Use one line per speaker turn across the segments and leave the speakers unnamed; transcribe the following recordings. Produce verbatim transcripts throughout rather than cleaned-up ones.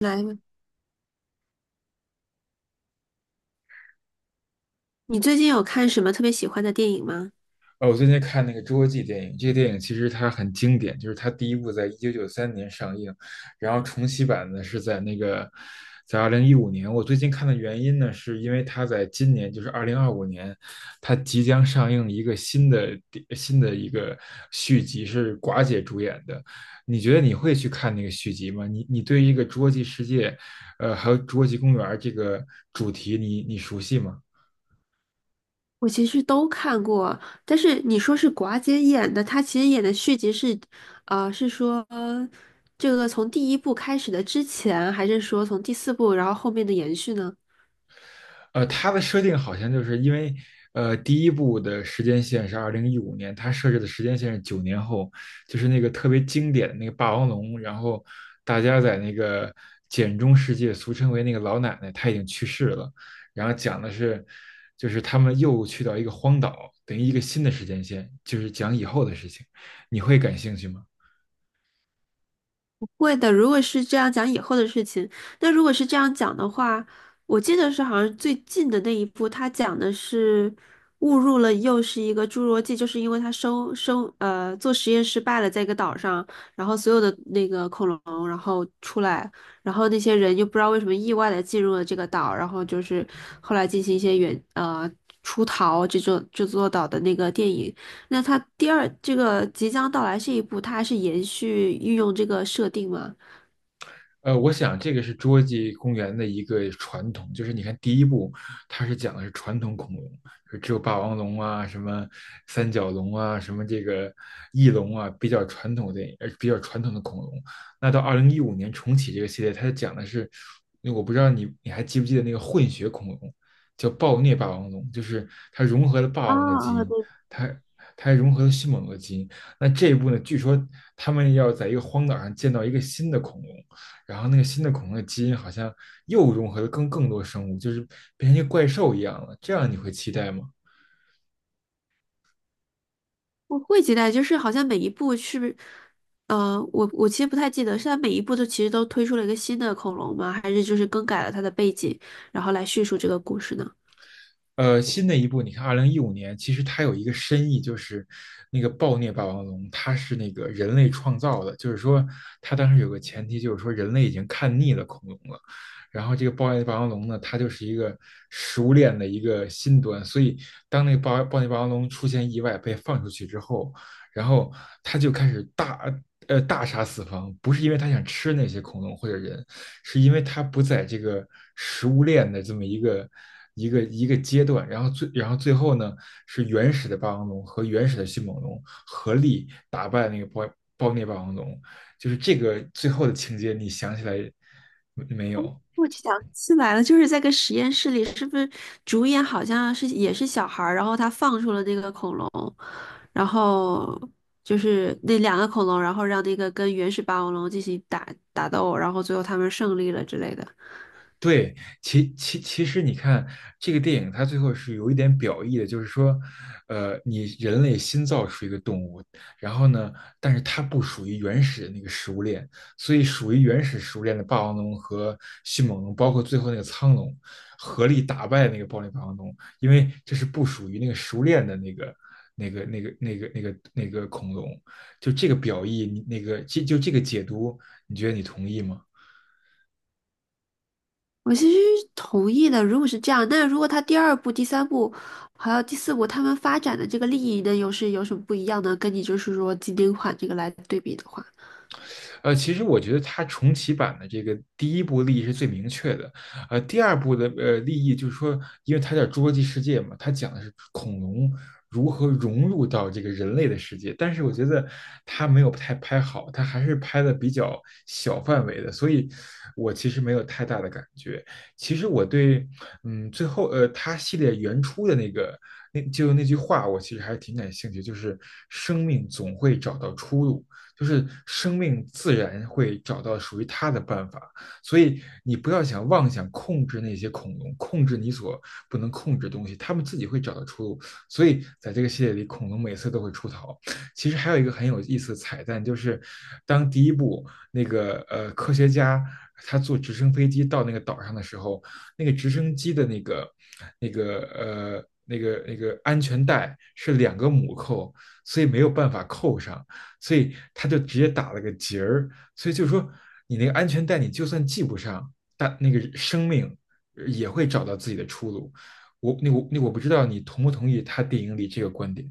来吧，你最近有看什么特别喜欢的电影吗？
哦，我最近看那个《侏罗纪》电影，这个电影其实它很经典，就是它第一部在一九九三年上映，然后重启版呢是在那个在二零一五年。我最近看的原因呢，是因为它在今年，就是二零二五年，它即将上映一个新的电新的一个续集，是寡姐主演的。你觉得你会去看那个续集吗？你你对于一个《侏罗纪世界》，呃，还有《侏罗纪公园》这个主题你，你熟悉吗？
我其实都看过，但是你说是寡姐演的，她其实演的续集是，呃，是说这个从第一部开始的之前，还是说从第四部，然后后面的延续呢？
呃，它的设定好像就是因为，呃，第一部的时间线是二零一五年，它设置的时间线是九年后，就是那个特别经典的那个霸王龙，然后大家在那个简中世界，俗称为那个老奶奶，她已经去世了，然后讲的是，就是他们又去到一个荒岛，等于一个新的时间线，就是讲以后的事情，你会感兴趣吗？
会的，如果是这样讲以后的事情，那如果是这样讲的话，我记得是好像最近的那一部，他讲的是误入了又是一个侏罗纪，就是因为他生生呃做实验失败了，在一个岛上，然后所有的那个恐龙然后出来，然后那些人又不知道为什么意外的进入了这个岛，然后就是后来进行一些远呃出逃这座这座岛的那个电影，那它第二这个即将到来这一步，它还是延续运用这个设定吗？
呃，我想这个是侏罗纪公园的一个传统，就是你看第一部，它是讲的是传统恐龙，就只有霸王龙啊、什么三角龙啊、什么这个翼龙啊，比较传统的电影呃比较传统的恐龙。那到二零一五年重启这个系列，它讲的是，我不知道你你还记不记得那个混血恐龙，叫暴虐霸王龙，就是它融合了霸
啊
王龙的基
啊，
因，
对，
它它还融合了迅猛龙的基因。那这一部呢，据说他们要在一个荒岛上建造一个新的恐龙。然后那个新的恐龙的基因好像又融合了更更多生物，就是变成一个怪兽一样了。这样你会期待吗？
我会期待，就是好像每一部是不是，呃，我我其实不太记得，是它每一部都其实都推出了一个新的恐龙吗？还是就是更改了它的背景，然后来叙述这个故事呢？
呃，新的一部，你看二零一五年，其实它有一个深意，就是那个暴虐霸王龙，它是那个人类创造的，就是说它当时有个前提，就是说人类已经看腻了恐龙了。然后这个暴虐霸王龙呢，它就是一个食物链的一个新端，所以当那个暴暴虐霸王龙出现意外被放出去之后，然后他就开始大呃大杀四方，不是因为他想吃那些恐龙或者人，是因为他不在这个食物链的这么一个一个一个阶段，然后最然后最后呢是原始的霸王龙和原始的迅猛龙合力打败那个包包内霸王龙，就是这个最后的情节，你想起来没有？
我去想起来了，就是在个实验室里，是不是主演好像是也是小孩儿，然后他放出了那个恐龙，然后就是那两个恐龙，然后让那个跟原始霸王龙进行打打斗，然后最后他们胜利了之类的。
对，其其其实你看这个电影，它最后是有一点表意的，就是说，呃，你人类新造出一个动物，然后呢，但是它不属于原始的那个食物链，所以属于原始食物链的霸王龙和迅猛龙，包括最后那个苍龙，合力打败那个暴力霸王龙，因为这是不属于那个食物链的那个。那个、那个、那个、那个、那个恐龙，就这个表意，你那个这就这个解读，你觉得你同意吗？
我其实同意的，如果是这样，那如果他第二部、第三部还有第四部他们发展的这个利益呢，又是有什么不一样呢？跟你就是说经典款这个来对比的话。
呃，其实我觉得它重启版的这个第一部利益是最明确的，呃，第二部的呃利益就是说，因为它叫《侏罗纪世界》嘛，它讲的是恐龙如何融入到这个人类的世界，但是我觉得它没有太拍好，它还是拍的比较小范围的，所以我其实没有太大的感觉。其实我对，嗯，最后呃，它系列原初的那个。那就那句话，我其实还是挺感兴趣，就是生命总会找到出路。就是生命自然会找到属于它的办法。所以你不要想妄想控制那些恐龙，控制你所不能控制的东西，他们自己会找到出路。所以在这个系列里，恐龙每次都会出逃。其实还有一个很有意思的彩蛋，就是当第一部那个呃科学家他坐直升飞机到那个岛上的时候，那个直升机的那个那个呃。那个那个安全带是两个母扣，所以没有办法扣上。所以他就直接打了个结儿。所以就是说，你那个安全带，你就算系不上，但那个生命也会找到自己的出路。我那我那我不知道你同不同意他电影里这个观点。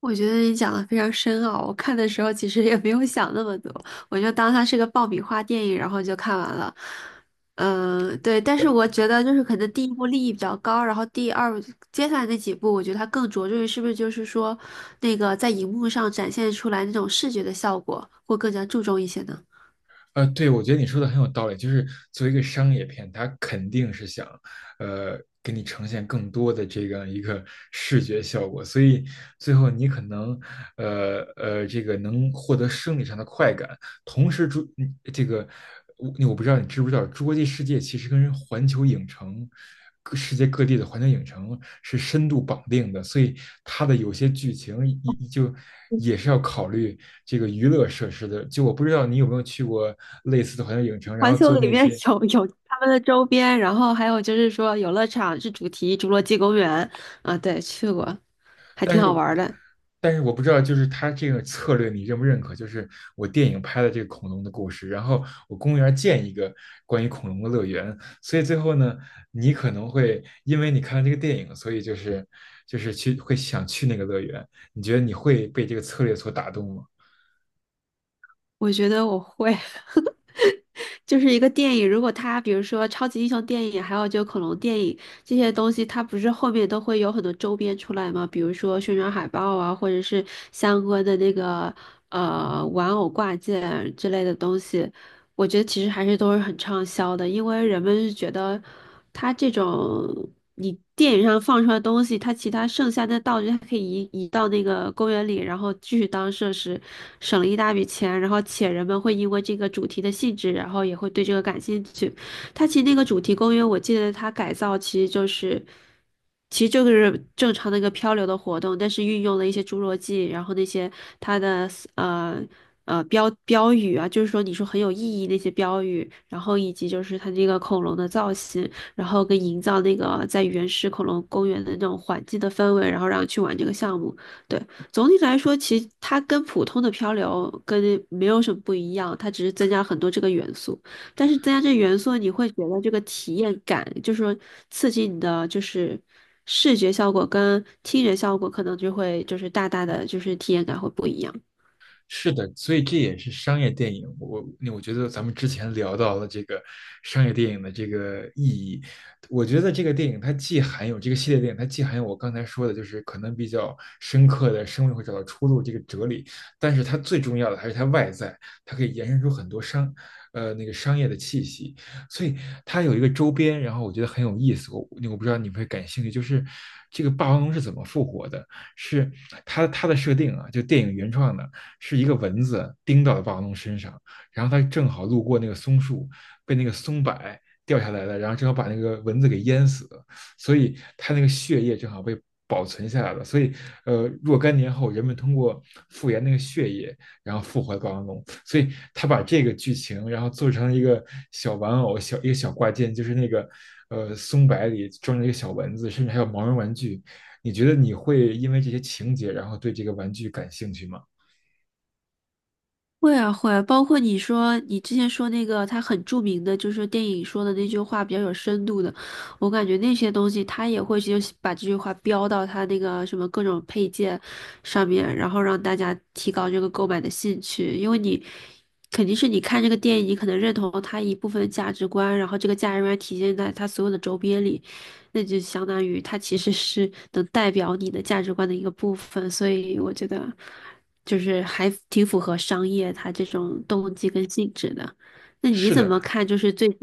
我觉得你讲的非常深奥，我看的时候其实也没有想那么多，我就当它是个爆米花电影，然后就看完了。嗯，对，但是我觉得就是可能第一部利益比较高，然后第二接下来那几部，我觉得它更着重于是不是就是说那个在荧幕上展现出来那种视觉的效果，会更加注重一些呢。
呃，对，我觉得你说的很有道理，就是作为一个商业片，它肯定是想，呃，给你呈现更多的这样一个视觉效果，所以最后你可能，呃呃，这个能获得生理上的快感，同时，诸嗯这个我我不知道，你知不知道，侏罗纪世界其实跟环球影城，世界各地的环球影城是深度绑定的，所以它的有些剧情也就也是要考虑这个娱乐设施的。就我不知道你有没有去过类似的环球影城，然
环
后
球
做
里
那
面
些
有有他们的周边，然后还有就是说游乐场是主题《侏罗纪公园》啊，对，去过，还挺好玩儿的。
但是我不知道，就是他这个策略你认不认可？就是我电影拍的这个恐龙的故事，然后我公园建一个关于恐龙的乐园，所以最后呢，你可能会因为你看了这个电影，所以就是就是去会想去那个乐园。你觉得你会被这个策略所打动吗？
我觉得我会，就是一个电影，如果它比如说超级英雄电影，还有就恐龙电影这些东西，它不是后面都会有很多周边出来吗？比如说宣传海报啊，或者是相关的那个呃玩偶挂件之类的东西，我觉得其实还是都是很畅销的，因为人们是觉得。它这种你电影上放出来的东西，它其他剩下的道具，它可以移移到那个公园里，然后继续当设施，省了一大笔钱。然后且人们会因为这个主题的性质，然后也会对这个感兴趣。它其实那个主题公园，我记得它改造其实就是。其实就是正常的一个漂流的活动，但是运用了一些侏罗纪，然后那些它的呃呃标标语啊，就是说你说很有意义那些标语，然后以及就是它这个恐龙的造型，然后跟营造那个在原始恐龙公园的那种环境的氛围，然后让去玩这个项目。对，总体来说，其实它跟普通的漂流跟没有什么不一样，它只是增加了很多这个元素。但是增加这元素，你会觉得这个体验感，就是说刺激你的就是视觉效果跟听觉效果，可能就会就是大大的就是体验感会不一样。
是的，所以这也是商业电影。我那我觉得咱们之前聊到了这个商业电影的这个意义，我觉得这个电影它既含有这个系列电影，它既含有我刚才说的，就是可能比较深刻的生命会找到出路这个哲理，但是它最重要的还是它外在，它可以延伸出很多商呃那个商业的气息，所以它有一个周边，然后我觉得很有意思。我我不知道你会感兴趣，就是这个霸王龙是怎么复活的？是它它的设定啊，就电影原创的。是一个蚊子叮到了霸王龙身上，然后它正好路过那个松树，被那个松柏掉下来了，然后正好把那个蚊子给淹死了，所以它那个血液正好被保存下来了。所以，呃，若干年后，人们通过复原那个血液，然后复活霸王龙。所以他把这个剧情，然后做成一个小玩偶，小一个小挂件，就是那个呃松柏里装着一个小蚊子，甚至还有毛绒玩具。你觉得你会因为这些情节，然后对这个玩具感兴趣吗？
会啊会啊，包括你说你之前说那个他很著名的，就是电影说的那句话比较有深度的，我感觉那些东西他也会去把这句话标到他那个什么各种配件上面，然后让大家提高这个购买的兴趣，因为你肯定是你看这个电影，你可能认同他一部分的价值观，然后这个价值观体现在他所有的周边里，那就相当于他其实是能代表你的价值观的一个部分，所以我觉得。就是还挺符合商业它这种动机跟性质的。那你
是
怎么
的，
看？就是最近，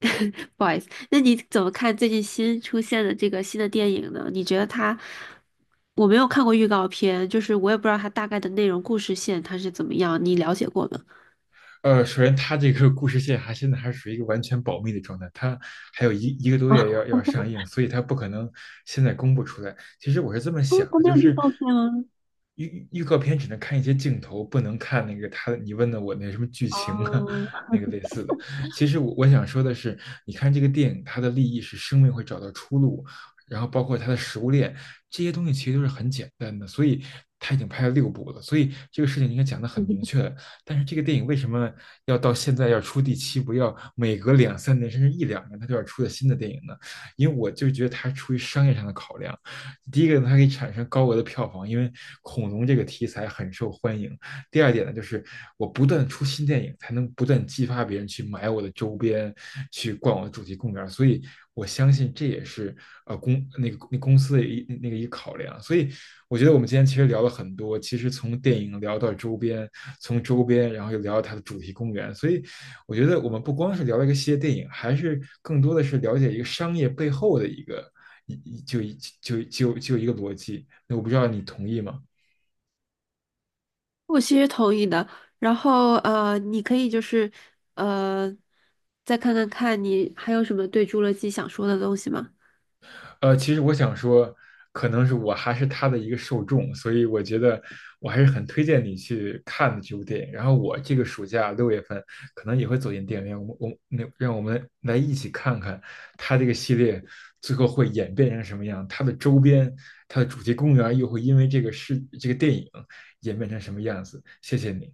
不好意思，那你怎么看最近新出现的这个新的电影呢？你觉得它，我没有看过预告片，就是我也不知道它大概的内容、故事线它是怎么样，你了解过吗？
呃，首先它这个故事线还现在还是属于一个完全保密的状态，它还有一一个多月要要上映，所以它不可能现在公布出来。其实我是这么
哦，
想
它
的，
没
就
有预
是
告片啊。
预预告片只能看一些镜头，不能看那个他你问的我那什么剧情啊，
哦，
那个类似的。其实我我想说的是，你看这个电影，它的立意是生命会找到出路，然后包括它的食物链这些东西其实都是很简单的，所以他已经拍了六部了，所以这个事情应该讲的很明确。但是这个电影为什么要到现在要出第七部，要每隔两三年甚至一两年它就要出个新的电影呢？因为我就觉得它出于商业上的考量。第一个呢，它可以产生高额的票房，因为恐龙这个题材很受欢迎。第二点呢，就是我不断出新电影，才能不断激发别人去买我的周边，去逛我的主题公园。所以我相信这也是呃公那个那公司的一那个一考量。所以我觉得我们今天其实聊了很多，其实从电影聊到周边，从周边然后又聊到它的主题公园。所以我觉得我们不光是聊了一个系列电影，还是更多的是了解一个商业背后的一个。一就一就就就一个逻辑，那我不知道你同意吗？
我其实同意的。然后呃，你可以就是呃，再看看看你还有什么对《侏罗纪》想说的东西吗？
呃，其实我想说，可能是我还是他的一个受众，所以我觉得我还是很推荐你去看的这部电影。然后我这个暑假六月份可能也会走进电影院，我我那让我们来一起看看他这个系列最后会演变成什么样，它的周边、它的主题公园又会因为这个事这个电影演变成什么样子。谢谢你。